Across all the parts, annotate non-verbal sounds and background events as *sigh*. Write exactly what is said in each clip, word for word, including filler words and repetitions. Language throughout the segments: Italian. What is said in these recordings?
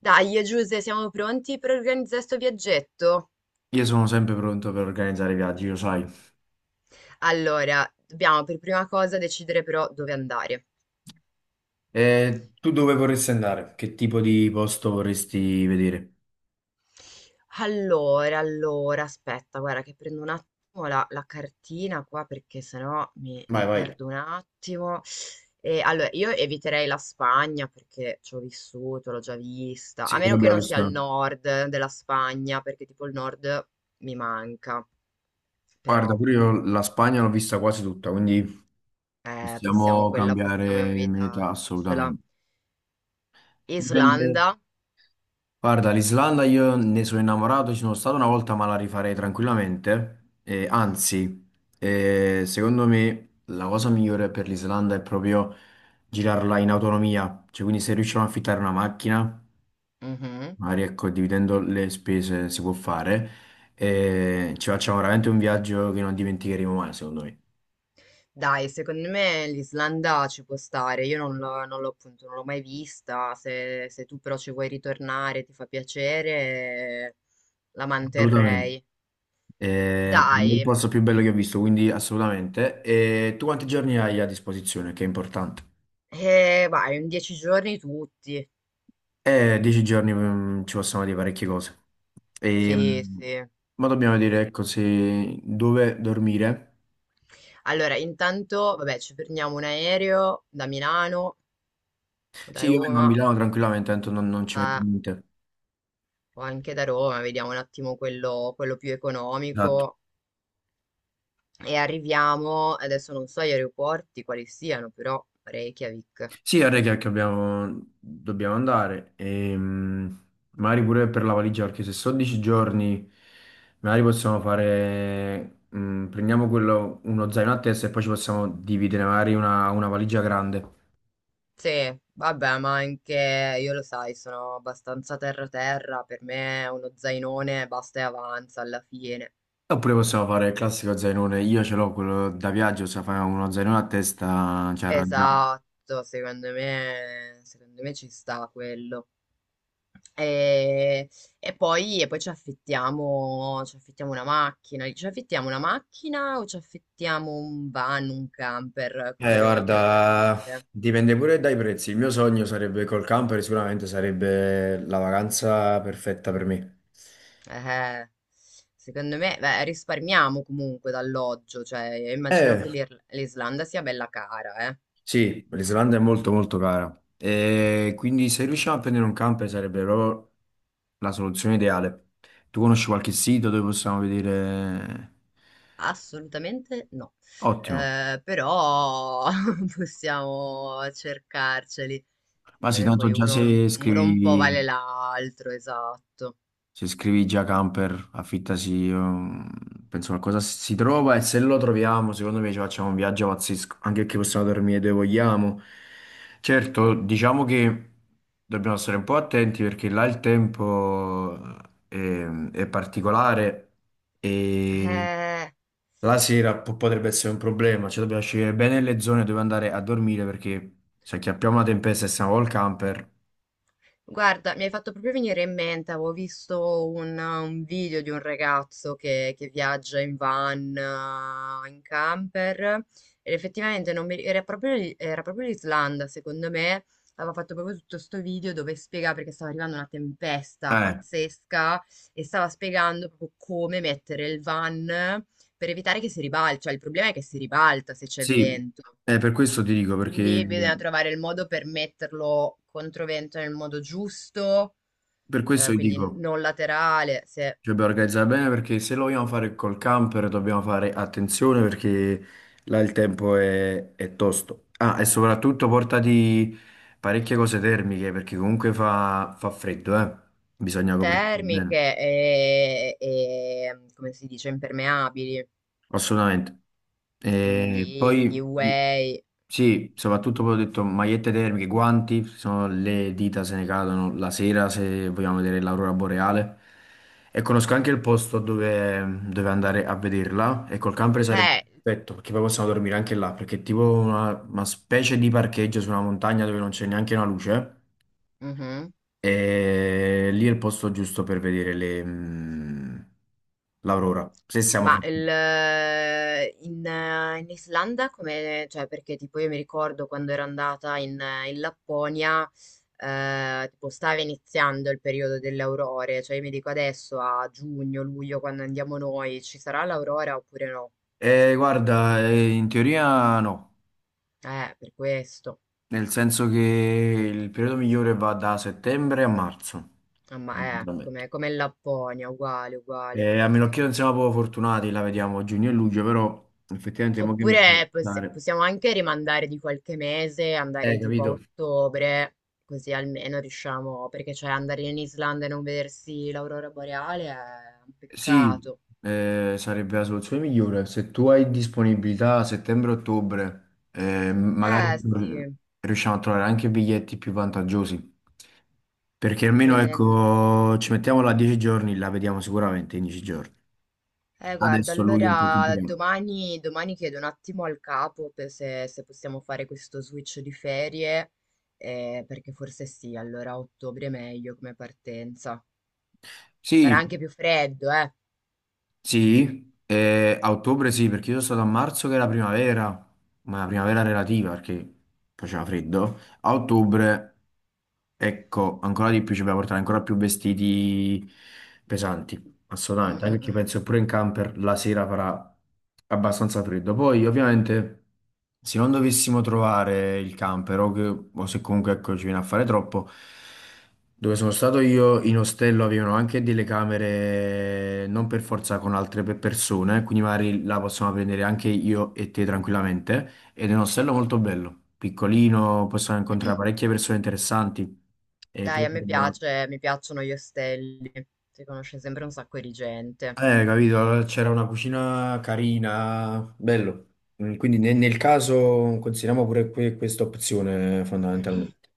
Dai, Giuse, siamo pronti per organizzare sto viaggetto? Io sono sempre pronto per organizzare viaggi, lo sai. Allora, dobbiamo per prima cosa decidere però dove andare. E tu dove vorresti andare? Che tipo di posto vorresti vedere? Allora, allora, aspetta, guarda che prendo un attimo la, la cartina qua perché sennò mi, Vai, mi vai. perdo un attimo. E, allora, io eviterei la Spagna perché ci ho vissuto, l'ho già vista, a Sì, che meno che abbiamo non sia il visto. nord della Spagna perché tipo il nord mi manca, Guarda, però pure io la Spagna l'ho vista quasi tutta, quindi eh, possiamo, possiamo quella possiamo cambiare meta evitarcela. assolutamente. Dipende. Islanda? Guarda, l'Islanda io ne sono innamorato, ci sono stato una volta, ma la rifarei tranquillamente. E anzi, eh, secondo me la cosa migliore per l'Islanda è proprio girarla in autonomia, cioè quindi se riusciamo a affittare una macchina. Mhm. Magari ecco, dividendo le spese si può fare e ci facciamo veramente un viaggio che non dimenticheremo mai, secondo me. Dai, secondo me l'Islanda ci può stare. Io non l'ho non l'ho appunto, non l'ho mai vista. Se, se tu però ci vuoi ritornare, ti fa piacere, la Assolutamente. manterrei. Eh, per me è il Dai, posto più bello che ho visto, quindi assolutamente. E tu quanti giorni hai a disposizione? Che è importante. eh, vai, in dieci giorni tutti. Eh, dieci giorni mm, ci possono dire parecchie cose. E, Sì, mm, sì. ma dobbiamo dire, Che- ecco, se dove dormire. Allora, intanto, vabbè, ci prendiamo un aereo da Milano o da Sì, io vengo a Roma, Milano tranquillamente, tanto non, non ci metto eh, niente. o anche da Roma, vediamo un attimo quello quello più Esatto. economico. E arriviamo, adesso non so gli aeroporti quali siano, però Reykjavik. Sì, ora che che abbiamo, dobbiamo andare, ehm, magari pure per la valigia, perché se sono dieci giorni, magari possiamo fare, mm, prendiamo quello, uno zaino a testa e poi ci possiamo dividere magari una, una valigia grande. Sì, vabbè, ma anche io lo sai, sono abbastanza terra-terra, per me uno zainone basta e avanza alla fine. Oppure possiamo fare il classico zainone, io ce l'ho quello da viaggio, se fai uno zainone a testa ci arrangiamo. Esatto, secondo me, secondo me ci sta quello. E, e poi, e poi ci affittiamo, ci affittiamo una macchina, ci affittiamo una macchina o ci affittiamo un van, un camper, così Eh, abbiamo anche da guarda, dormire. dipende pure dai prezzi. Il mio sogno sarebbe col camper, sicuramente sarebbe la vacanza perfetta per me. Eh, secondo me, beh, risparmiamo comunque d'alloggio, cioè immagino Eh, che l'Ir- l'Islanda sia bella cara, eh. Sì, l'Islanda è molto molto cara. E quindi se riusciamo a prendere un camper sarebbe proprio la soluzione ideale. Tu conosci qualche sito dove possiamo vedere? Assolutamente no. Ottimo. Eh, però *laughs* possiamo cercarceli. Ma sì, Eh, tanto Poi già uno, se uno un po' vale scrivi. l'altro, esatto. Se scrivi già camper, affittasi, ehm, penso qualcosa si trova e se lo troviamo, secondo me ci facciamo un viaggio pazzesco, anche perché possiamo dormire dove vogliamo. Certo, diciamo che dobbiamo stare un po' attenti perché là il tempo è, è particolare e Eh. la sera po- potrebbe essere un problema, cioè dobbiamo scegliere bene le zone dove andare a dormire perché se acchiappiamo una tempesta e siamo col camper, Guarda, mi hai fatto proprio venire in mente, avevo visto un, un video di un ragazzo che, che viaggia in van, eh, in camper, ed effettivamente non mi- era proprio, l- era proprio l'Islanda, secondo me, aveva fatto proprio tutto sto video dove spiega perché stava arrivando una tempesta eh, pazzesca e stava spiegando proprio come mettere il van per evitare che si ribalta, cioè il problema è che si ribalta se c'è sì, vento. eh, per questo ti dico perché... Quindi bisogna trovare il modo per metterlo contro vento nel modo giusto, Per questo eh, vi quindi dico, non laterale, se cioè, dobbiamo organizzare bene perché se lo vogliamo fare col camper dobbiamo fare attenzione perché là il tempo è, è tosto. Ah, e soprattutto portati parecchie cose termiche perché comunque fa, fa freddo, eh. Bisogna coprirsi bene. termiche e, e, come si dice, impermeabili, Assolutamente. E quindi poi i- Q A. sì, soprattutto poi ho detto magliette termiche, guanti, sono le dita se ne cadono la sera se vogliamo vedere l'aurora boreale. E conosco anche il posto dove, dove andare a vederla e col camper sarebbe Eh, perfetto perché poi possiamo dormire anche là perché è tipo una, una specie di parcheggio su una montagna dove non c'è neanche una luce mhm. e lì è il posto giusto per vedere le, mm, l'aurora, se siamo Ma il, fortunati. eh, in, eh, in Islanda come, cioè perché tipo io mi ricordo quando ero andata in, eh, in Lapponia, eh, tipo stava iniziando il periodo delle aurore, cioè io mi dico adesso a giugno, luglio, quando andiamo noi, ci sarà l'aurora oppure no? Eh, guarda, eh, in teoria no, Eh, per questo. nel senso che il periodo migliore va da settembre a marzo, Ah, ma è veramente. come, come in Lapponia, uguale, uguale. Eh, a meno che non siamo proprio fortunati, la vediamo a giugno e luglio, però effettivamente mo che mi ci devo Oppure possi- pensare. possiamo anche rimandare di qualche mese, Eh, andare tipo a capito? ottobre, così almeno riusciamo, perché cioè andare in Islanda e non vedersi l'aurora boreale è un Sì, peccato. eh, sarebbe la soluzione migliore. Se tu hai disponibilità a settembre-ottobre, eh, magari Eh mm, sì, riusciamo a trovare anche biglietti più vantaggiosi. Perché almeno prendendo... ecco, ci mettiamo là dieci giorni, la vediamo sicuramente in dieci giorni. Eh guarda, Adesso a luglio è un po' allora complicato. domani, domani chiedo un attimo al capo per se, se possiamo fare questo switch di ferie, eh, perché forse sì, allora a ottobre è meglio come partenza. Farà Sì, anche più freddo, eh. sì, eh, a ottobre sì, perché io sono stato a marzo che era primavera, ma la primavera relativa perché faceva freddo. A ottobre, ecco, ancora di più ci dobbiamo portare ancora più vestiti pesanti. Mm, Assolutamente, anche mm, perché mm. penso pure in camper la sera farà abbastanza freddo. Poi, ovviamente, se non dovessimo trovare il camper o, che- o se comunque ecco, ci viene a fare troppo, dove sono stato io in ostello avevano anche delle camere non per forza con altre pe- persone, quindi magari la possiamo prendere anche io e te tranquillamente. Ed è un ostello Mhm. molto bello, piccolino, possiamo incontrare parecchie persone interessanti. E Dai, poi a me piace, mi piacciono gli ostelli. Si conosce sempre un sacco di gente. eh, capito, allora c'era una cucina carina, bello. Mm, quindi ne- nel, caso consideriamo pure que- questa Mm. opzione fondamentalmente.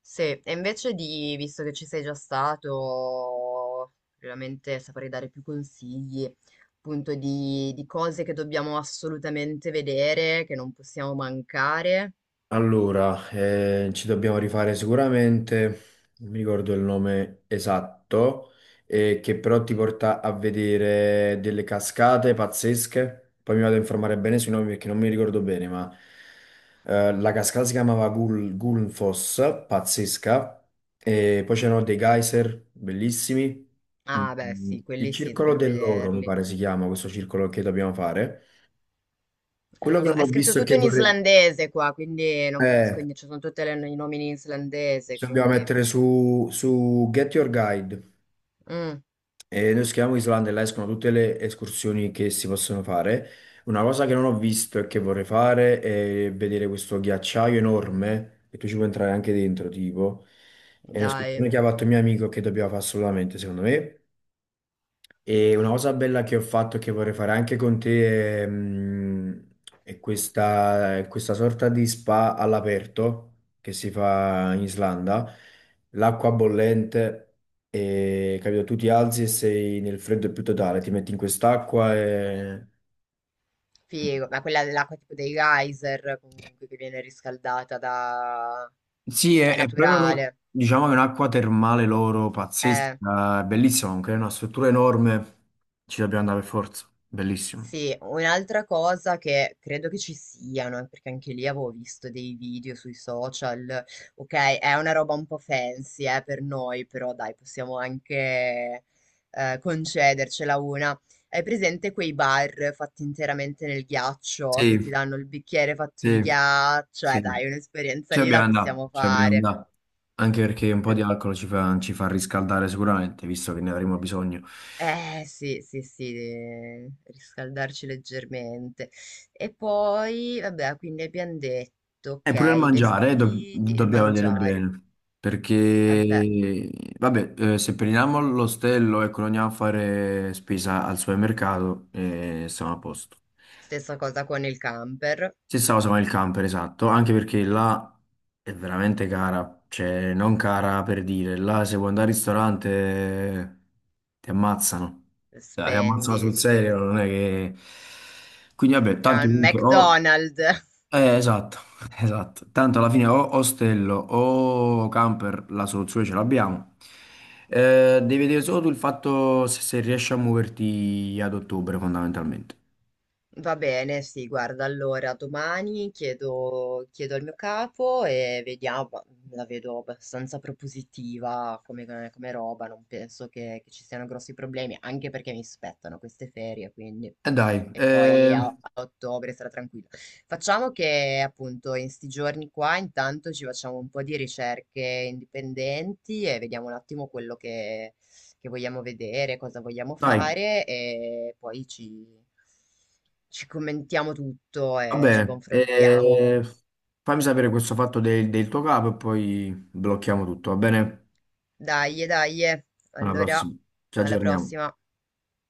Sì, e invece di, visto che ci sei già stato, veramente saprei dare più consigli, appunto, di, di cose che dobbiamo assolutamente vedere, che non possiamo mancare. Allora, eh, ci dobbiamo rifare sicuramente, non mi ricordo il nome esatto, eh, che però ti porta a vedere delle cascate pazzesche. Poi mi vado a informare bene sui nomi perché non mi ricordo bene, ma eh, la cascata si chiamava Gul Gulnfoss, pazzesca. E poi c'erano dei geyser bellissimi. Ah, beh, Mm, sì, il quelli sì, circolo dobbiamo dell'oro, mi vederli. pare si chiama questo circolo che dobbiamo fare. Eh, Quello che non so, non è ho scritto visto e tutto che in islandese qua, quindi non capisco vorrei... niente, ci sono tutti i nomi in islandese, Ci dobbiamo quindi... mettere su, su Get Your Guide Mm, e noi scriviamo Islanda e là escono tutte le escursioni che si possono fare. Una cosa che non ho visto e che vorrei fare è vedere questo ghiacciaio enorme, che tu ci puoi entrare anche dentro, tipo. È un'escursione dai, che ha fatto il mio amico che dobbiamo fare assolutamente, secondo me. E una cosa bella che ho fatto e che vorrei fare anche con te è, mm, è questa, è questa sorta di spa all'aperto che si fa in Islanda, l'acqua bollente, e, capito? Tu ti alzi e sei nel freddo più totale, ti metti in quest'acqua e... figo. Ma quella dell'acqua tipo dei geyser comunque che viene riscaldata da... Sì, è, cioè è proprio una- naturale. diciamo che è un'acqua termale loro Eh. pazzesca, è bellissima, comunque è una struttura enorme, ci dobbiamo andare per forza, bellissimo. Sì, un'altra cosa che credo che ci siano, eh, perché anche lì avevo visto dei video sui social, ok, è una roba un po' fancy, eh, per noi, però dai, possiamo anche eh, concedercela una. Hai presente quei bar fatti interamente nel ghiaccio, che ti Sì, danno il bicchiere fatto di sì, ghiaccio? Eh sì. dai, un'esperienza Ci lì abbiamo la andato, possiamo ci abbiamo fare. andato. Anche perché un po' di Ehm, alcol ci fa, ci fa riscaldare sicuramente, visto che ne avremo bisogno. Eh sì, sì, sì, eh, riscaldarci leggermente. E poi, vabbè, quindi abbiamo detto, ok, E pure il i mangiare, eh, dob- vestiti, il dobbiamo vedere mangiare. bene. Vabbè, Perché, vabbè, eh, se prendiamo l'ostello, ecco, non andiamo a fare spesa al supermercato e siamo a posto. stessa cosa con il camper, Stessa cosa con il camper, esatto, anche perché là è veramente cara, cioè non cara per dire, là se vuoi andare al ristorante ti ammazzano. Eh, ti dai. Ammazzano spendi, sul sì. serio, non è che... Quindi vabbè, tanto Al comunque o... McDonald's. Eh, esatto, *laughs* esatto, tanto alla fine o ostello o camper la soluzione ce l'abbiamo. Eh, devi vedere solo tu il fatto se, se riesci a muoverti ad ottobre fondamentalmente. Va bene, sì, guarda, allora domani chiedo, chiedo al mio capo e vediamo, ma la vedo abbastanza propositiva come, come roba, non penso che, che ci siano grossi problemi, anche perché mi spettano queste ferie, quindi... E dai, E eh, poi a, a ottobre sarà tranquillo. Facciamo che appunto in sti giorni qua intanto ci facciamo un po' di ricerche indipendenti e vediamo un attimo quello che vogliamo vedere, cosa vogliamo dai. fare e poi ci, ci commentiamo tutto Va e ci bene, confrontiamo. eh, fammi sapere questo fatto del, del tuo capo e poi blocchiamo tutto, va bene? Dai, dai, Alla allora prossima, ci alla aggiorniamo. prossima.